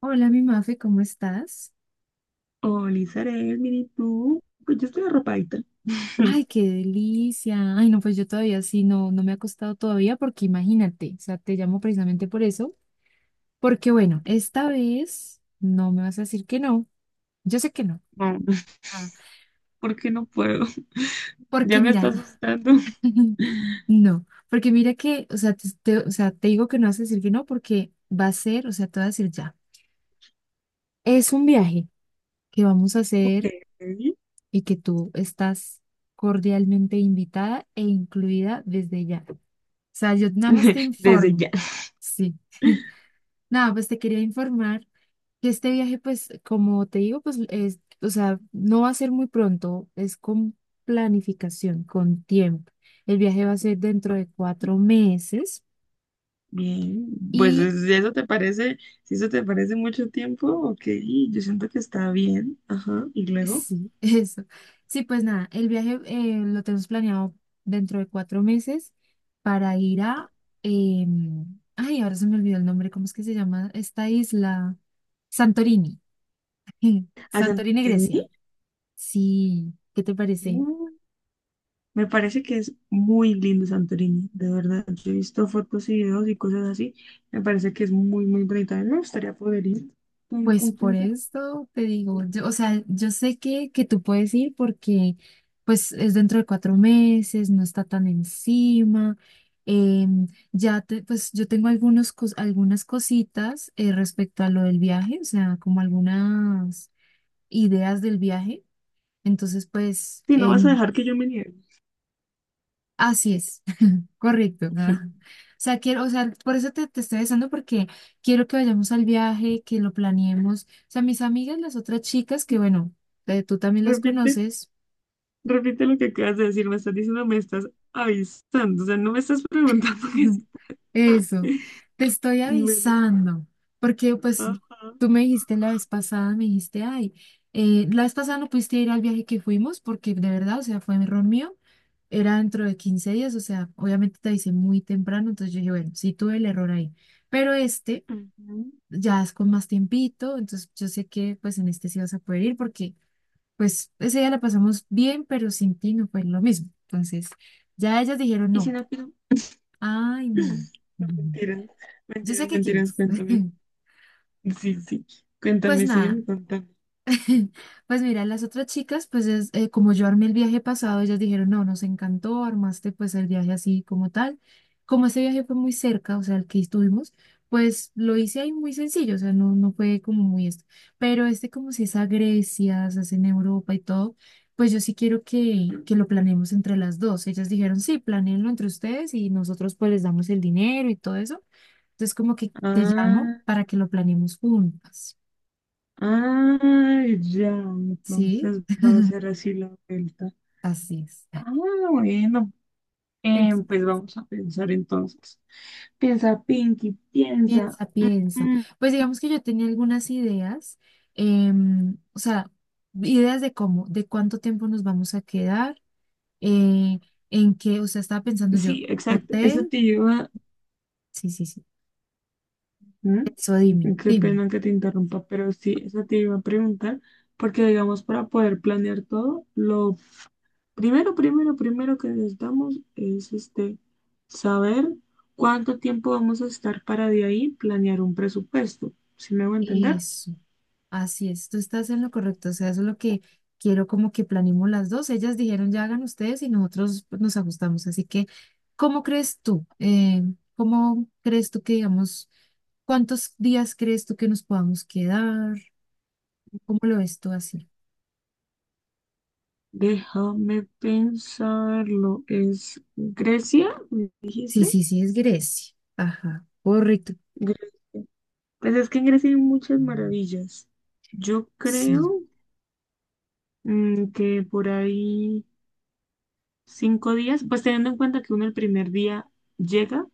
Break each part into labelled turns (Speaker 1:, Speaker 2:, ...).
Speaker 1: Hola, mi Mafe, ¿cómo estás?
Speaker 2: Hola, Isabel, ¿y tú? Pues yo estoy arropadita.
Speaker 1: Ay, qué delicia. Ay, no, pues yo todavía sí, no, no me ha acostado todavía porque imagínate, o sea, te llamo precisamente por eso, porque bueno, esta vez no me vas a decir que no. Yo sé que no.
Speaker 2: No,
Speaker 1: Ah,
Speaker 2: ¿por qué no puedo? Ya
Speaker 1: porque
Speaker 2: me está
Speaker 1: mira,
Speaker 2: asustando.
Speaker 1: no, porque mira que, o sea, o sea, te digo que no vas a decir que no porque va a ser, o sea, te voy a decir ya. Es un viaje que vamos a
Speaker 2: Ok.
Speaker 1: hacer y que tú estás cordialmente invitada e incluida desde ya. Sea, yo nada más te
Speaker 2: Desde
Speaker 1: informo.
Speaker 2: ya.
Speaker 1: Sí. Nada, pues te quería informar que este viaje, pues, como te digo, pues, es, o sea, no va a ser muy pronto, es con planificación, con tiempo. El viaje va a ser dentro
Speaker 2: Ok,
Speaker 1: de 4 meses
Speaker 2: bien,
Speaker 1: y
Speaker 2: si eso te parece, si eso te parece mucho tiempo, ok, yo siento que está bien. Ajá. Y luego,
Speaker 1: sí, eso. Sí, pues nada, el viaje lo tenemos planeado dentro de 4 meses para ir a, ay, ahora se me olvidó el nombre, ¿cómo es que se llama esta isla? Santorini.
Speaker 2: ¿a
Speaker 1: Santorini,
Speaker 2: Santorini?
Speaker 1: Grecia. Sí, ¿qué te parece?
Speaker 2: Mm. Me parece que es muy lindo Santorini, de verdad. Yo he visto fotos y videos y cosas así. Me parece que es muy, muy bonita. A mí me gustaría poder ir. ¿Con,
Speaker 1: Pues
Speaker 2: con
Speaker 1: por
Speaker 2: quién se va?
Speaker 1: esto te digo, yo, o sea, yo sé que, tú puedes ir porque pues es dentro de 4 meses, no está tan encima. Ya te, pues yo tengo algunas cositas respecto a lo del viaje, o sea, como algunas ideas del viaje. Entonces, pues,
Speaker 2: Si no vas a dejar que yo me niegue.
Speaker 1: así es. Correcto. Ah. O sea, quiero, o sea, por eso te estoy besando, porque quiero que vayamos al viaje, que lo planeemos. O sea, mis amigas, las otras chicas, que bueno, tú también las
Speaker 2: Repite,
Speaker 1: conoces.
Speaker 2: repite lo que acabas de decir. Me estás diciendo, me estás avisando. O sea, no me estás preguntando que sí.
Speaker 1: Eso, te estoy
Speaker 2: Bueno,
Speaker 1: avisando, porque pues
Speaker 2: ajá.
Speaker 1: tú me dijiste la vez pasada, me dijiste, ay, la vez pasada no pudiste ir al viaje que fuimos, porque de verdad, o sea, fue un error mío. Era dentro de 15 días, o sea, obviamente te avisé muy temprano, entonces yo dije, bueno, sí tuve el error ahí. Pero
Speaker 2: Ujú.
Speaker 1: ya es con más tiempito, entonces yo sé que pues en este sí vas a poder ir porque pues ese día la pasamos bien, pero sin ti no fue lo mismo. Entonces ya ellas dijeron
Speaker 2: Y si
Speaker 1: no,
Speaker 2: no quiero.
Speaker 1: ay no,
Speaker 2: No,
Speaker 1: no, no.
Speaker 2: mentiras,
Speaker 1: Yo sé
Speaker 2: mentiras,
Speaker 1: que
Speaker 2: mentiras.
Speaker 1: quieres.
Speaker 2: Cuéntame. Sí, sí.
Speaker 1: Pues
Speaker 2: Cuéntame,
Speaker 1: nada,
Speaker 2: sígueme contando.
Speaker 1: pues mira, las otras chicas, pues es, como yo armé el viaje pasado, ellas dijeron, no, nos encantó, armaste pues el viaje así como tal. Como ese viaje fue muy cerca, o sea, el que estuvimos, pues lo hice ahí muy sencillo, o sea, no, no fue como muy esto. Pero este como si es a Grecia, se hace en Europa y todo, pues yo sí quiero que, lo planeemos entre las dos. Ellas dijeron, sí, planéenlo entre ustedes y nosotros pues les damos el dinero y todo eso. Entonces como que te llamo
Speaker 2: Ah,
Speaker 1: para que lo planeemos juntas,
Speaker 2: ah, ya.
Speaker 1: ¿sí?
Speaker 2: Entonces va a ser así la vuelta.
Speaker 1: Así es.
Speaker 2: Ah, bueno.
Speaker 1: Entonces,
Speaker 2: Pues vamos a pensar entonces. Piensa, Pinky, piensa.
Speaker 1: piensa, piensa. Pues digamos que yo tenía algunas ideas, o sea, ideas de cómo, de cuánto tiempo nos vamos a quedar, eh, en qué, o sea, estaba pensando yo,
Speaker 2: Sí, exacto. Eso
Speaker 1: hotel,
Speaker 2: te lleva.
Speaker 1: sí, sí, sí, eso dime,
Speaker 2: ¿Mm? Qué
Speaker 1: dime,
Speaker 2: pena que te interrumpa, pero sí, eso te iba a preguntar, porque digamos, para poder planear todo, lo primero que necesitamos es saber cuánto tiempo vamos a estar para de ahí planear un presupuesto. ¿Sí me voy a entender?
Speaker 1: eso, así es, tú estás en lo correcto, o sea, eso es lo que quiero como que planeemos las dos, ellas dijeron ya hagan ustedes y nosotros pues, nos ajustamos, así que, ¿cómo crees tú? ¿Cómo crees tú que digamos? ¿Cuántos días crees tú que nos podamos quedar? ¿Cómo lo ves tú así?
Speaker 2: Déjame pensarlo. ¿Es Grecia? ¿Me
Speaker 1: Sí,
Speaker 2: dijiste?
Speaker 1: sí, sí, es Grecia. Ajá, correcto.
Speaker 2: Grecia. Pues es que en Grecia hay muchas maravillas. Yo
Speaker 1: Sí,
Speaker 2: creo que por ahí 5 días, pues teniendo en cuenta que uno el primer día llega,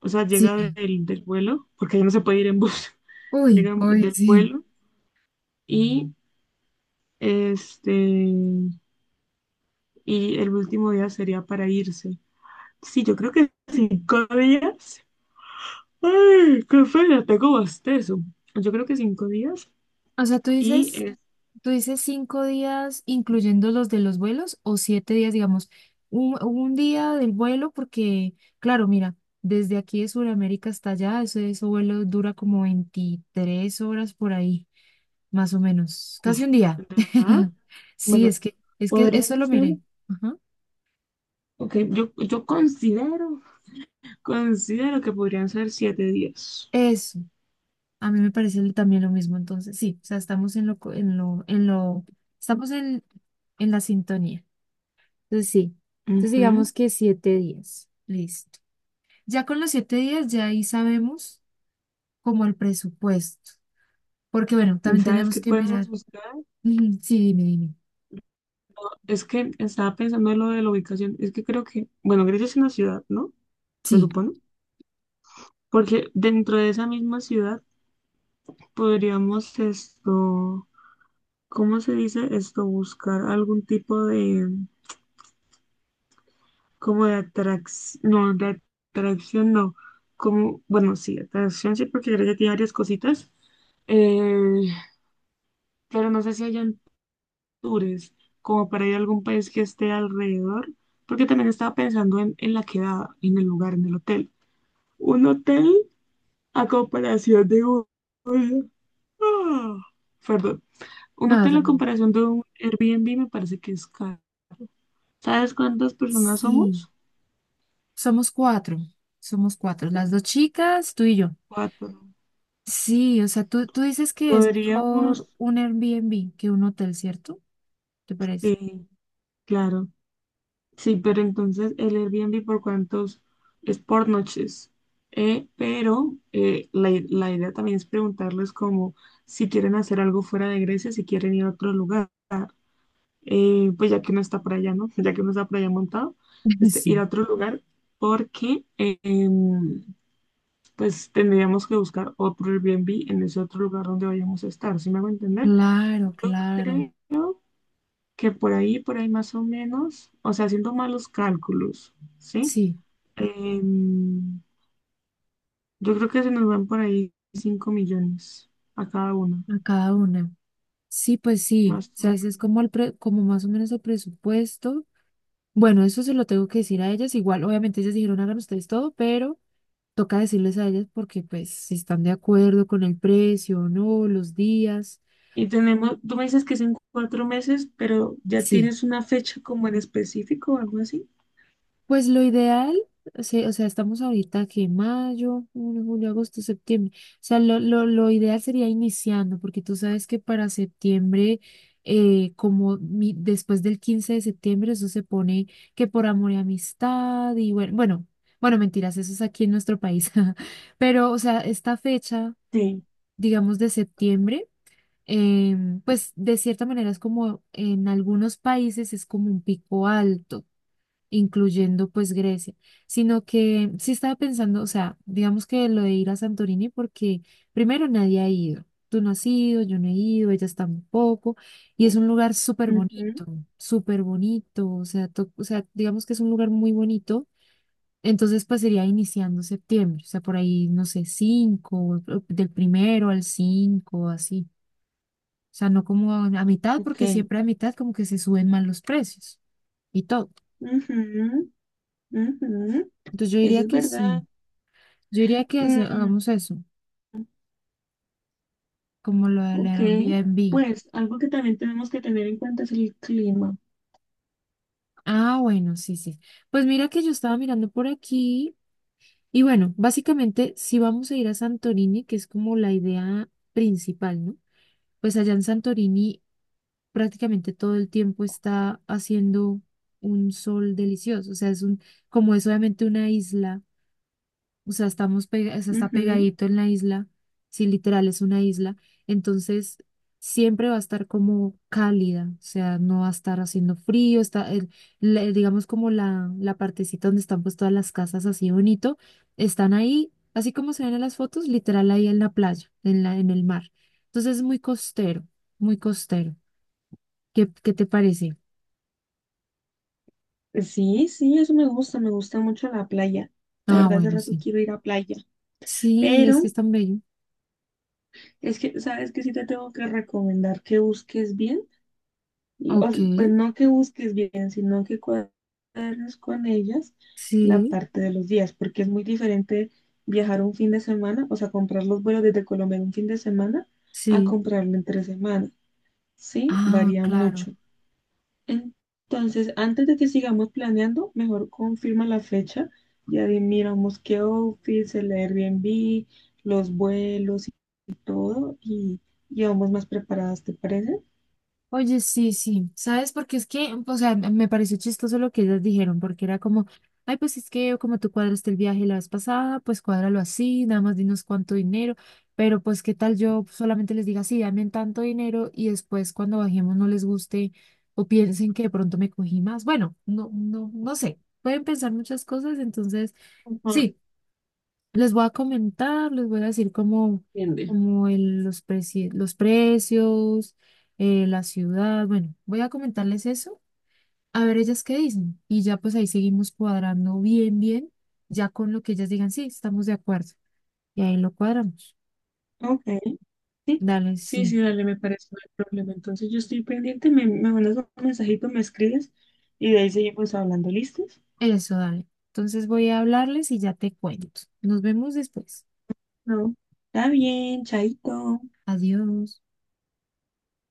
Speaker 2: o sea, llega
Speaker 1: sí.
Speaker 2: del vuelo, porque ya no se puede ir en bus.
Speaker 1: Uy,
Speaker 2: Llega
Speaker 1: uy,
Speaker 2: del
Speaker 1: sí.
Speaker 2: vuelo y este, y el último día sería para irse. Sí, yo creo que 5 días. ¡Ay, qué feo! Tengo bostezo. Yo creo que cinco días
Speaker 1: O sea, tú
Speaker 2: y
Speaker 1: dices,
Speaker 2: es,
Speaker 1: tú dices 5 días, incluyendo los de los vuelos, o 7 días, digamos, un día del vuelo, porque, claro, mira, desde aquí de Sudamérica hasta allá, ese vuelo dura como 23 horas por ahí. Más o menos, casi
Speaker 2: uf,
Speaker 1: un día.
Speaker 2: de verdad,
Speaker 1: Sí,
Speaker 2: bueno,
Speaker 1: es que eso
Speaker 2: podrían
Speaker 1: lo
Speaker 2: ser,
Speaker 1: miré. Ajá.
Speaker 2: ok, yo considero considero que podrían ser 7 días.
Speaker 1: Eso, a mí me parece también lo mismo, entonces, sí, o sea, estamos en lo, en lo, estamos en la sintonía. Entonces, sí, entonces
Speaker 2: Ujú.
Speaker 1: digamos que 7 días, listo. Ya con los 7 días, ya ahí sabemos como el presupuesto, porque bueno, también
Speaker 2: ¿Sabes
Speaker 1: tenemos
Speaker 2: qué
Speaker 1: que
Speaker 2: podemos
Speaker 1: mirar.
Speaker 2: buscar?
Speaker 1: Ujú. Sí, dime, dime.
Speaker 2: Es que estaba pensando en lo de la ubicación. Es que creo que, bueno, Grecia es una ciudad, ¿no? Se
Speaker 1: Sí,
Speaker 2: supone. Porque dentro de esa misma ciudad podríamos esto, ¿cómo se dice esto? Buscar algún tipo de, como de atracción, no, de atracción no. Como, bueno, sí, atracción sí, porque Grecia tiene varias cositas. Eh, pero no sé si allá tours, como para ir a algún país que esté alrededor, porque también estaba pensando en la quedada, en el lugar, en el hotel. Un hotel a comparación de un... Ah, perdón. Un
Speaker 1: no, no
Speaker 2: hotel
Speaker 1: te
Speaker 2: a
Speaker 1: preocupes.
Speaker 2: comparación de un Airbnb me parece que es caro. ¿Sabes cuántas personas
Speaker 1: Sí,
Speaker 2: somos?
Speaker 1: somos cuatro, somos cuatro, las dos chicas, tú y yo.
Speaker 2: Cuatro.
Speaker 1: Sí, o sea, tú dices que es
Speaker 2: Podríamos,
Speaker 1: mejor un Airbnb que un hotel, ¿cierto? ¿Te parece?
Speaker 2: sí, claro. Sí, pero entonces el Airbnb por cuántos es por noches. La, la idea también es preguntarles como si quieren hacer algo fuera de Grecia, si quieren ir a otro lugar. Pues ya que no está por allá, ¿no? Ya que no está por allá montado, ir
Speaker 1: Sí,
Speaker 2: a otro lugar porque pues tendríamos que buscar otro Airbnb en ese otro lugar donde vayamos a estar, ¿sí me hago entender?
Speaker 1: claro,
Speaker 2: Yo
Speaker 1: claro.
Speaker 2: creo que por ahí más o menos, o sea, haciendo malos cálculos, ¿sí?
Speaker 1: Sí,
Speaker 2: Em, yo creo que se nos van por ahí 5 millones a cada uno,
Speaker 1: a cada una. Sí, pues sí. O
Speaker 2: más o
Speaker 1: sea, ese es
Speaker 2: menos.
Speaker 1: como, como más o menos el presupuesto. Bueno, eso se lo tengo que decir a ellas. Igual, obviamente ellas dijeron, hagan ustedes todo, pero toca decirles a ellas porque pues si están de acuerdo con el precio o no, los días.
Speaker 2: Y tenemos, tú me dices que es en 4 meses, pero ¿ya
Speaker 1: Sí.
Speaker 2: tienes una fecha como en específico o algo así?
Speaker 1: Pues lo ideal, o o sea, estamos ahorita que mayo, junio, julio, agosto, septiembre. O sea, lo ideal sería iniciando, porque tú sabes que para septiembre, como después del 15 de septiembre, eso se pone que por amor y amistad, y bueno, bueno, bueno, mentiras, eso es aquí en nuestro país. Pero, o sea, esta fecha,
Speaker 2: Sí.
Speaker 1: digamos, de septiembre, pues de cierta manera es como en algunos países es como un pico alto incluyendo pues Grecia, sino que sí estaba pensando, o sea, digamos que lo de ir a Santorini porque primero nadie ha ido, tú no has ido, yo no he ido, ellas tampoco, y es un lugar
Speaker 2: Ujú,
Speaker 1: súper bonito, o sea, to- o sea, digamos que es un lugar muy bonito, entonces pues sería iniciando septiembre, o sea, por ahí, no sé, cinco, del primero al cinco, así, o sea, no como a mitad,
Speaker 2: ok.
Speaker 1: porque siempre a mitad como que se suben más los precios y todo.
Speaker 2: Ujú, ujú.
Speaker 1: Entonces yo
Speaker 2: Eso
Speaker 1: diría
Speaker 2: es
Speaker 1: que sí.
Speaker 2: verdad.
Speaker 1: Yo diría que
Speaker 2: Mm,
Speaker 1: hagamos eso, como lo del
Speaker 2: Ok,
Speaker 1: Airbnb.
Speaker 2: pues algo que también tenemos que tener en cuenta es el clima.
Speaker 1: Ah, bueno, sí, sí. Pues mira que yo estaba mirando por aquí y bueno, básicamente si vamos a ir a Santorini, que es como la idea principal, ¿no? Pues allá en Santorini prácticamente todo el tiempo está haciendo un sol delicioso, o sea, es un, como es obviamente una isla. O sea, o sea, está pegadito en la isla, sí, literal es una isla, entonces siempre va a estar como cálida, o sea, no va a estar haciendo frío, está, digamos como la partecita donde están pues todas las casas así bonito, están ahí, así como se ven en las fotos, literal ahí en la playa, en la, en el mar. Entonces es muy costero, muy costero. ¿Qué te parece?
Speaker 2: Ujú. Sí, sí, eso me gusta mucho la playa. La
Speaker 1: Ah,
Speaker 2: verdad, hace
Speaker 1: bueno,
Speaker 2: rato
Speaker 1: sí.
Speaker 2: quiero ir a playa,
Speaker 1: Sí, es que
Speaker 2: pero
Speaker 1: es tan bello.
Speaker 2: es que, ¿sabes que sí? Te tengo que recomendar que busques bien. Y, o
Speaker 1: Ok,
Speaker 2: sea, pues no que busques bien, sino que cuadres con ellas la
Speaker 1: sí,
Speaker 2: parte de los días, porque es muy diferente viajar un fin de semana, o sea, comprar los vuelos desde Colombia en un fin de semana a
Speaker 1: sí.
Speaker 2: comprarlo en 3 semanas, ¿sí?
Speaker 1: Ah,
Speaker 2: Varía
Speaker 1: claro.
Speaker 2: mucho. Entonces, antes de que sigamos planeando, mejor confirma la fecha, ya miramos qué office, el Airbnb, los vuelos y todo, y vamos más preparadas, ¿te parece?
Speaker 1: Oye, sí, sí, ¿sabes? Porque es que, o sea, me pareció chistoso lo que ellas dijeron, porque era como, ay, pues es que como tú cuadraste el viaje la vez pasada, pues cuádralo así, nada más dinos cuánto dinero, pero pues qué tal yo solamente les diga, sí, dame tanto dinero y después cuando bajemos no les guste o piensen que de pronto me cogí más. Bueno, no, no, no sé, pueden pensar muchas cosas, entonces,
Speaker 2: Ajá,
Speaker 1: sí. Les voy a comentar, les voy a decir como,
Speaker 2: entiende.
Speaker 1: como los precios, la ciudad. Bueno, voy a comentarles eso, a ver ellas qué dicen. Y ya pues ahí seguimos cuadrando bien, bien, ya con lo que ellas digan, sí, estamos de acuerdo. Y ahí lo cuadramos.
Speaker 2: Ok. Sí,
Speaker 1: Dale,
Speaker 2: sí,
Speaker 1: sí,
Speaker 2: sí, dale, me parece no hay problema. Entonces yo estoy pendiente, me mandas un mensajito, me escribes y de ahí seguimos hablando, ¿listos?
Speaker 1: eso, dale. Entonces voy a hablarles y ya te cuento. Nos vemos después.
Speaker 2: No, está bien, chaito.
Speaker 1: Adiós.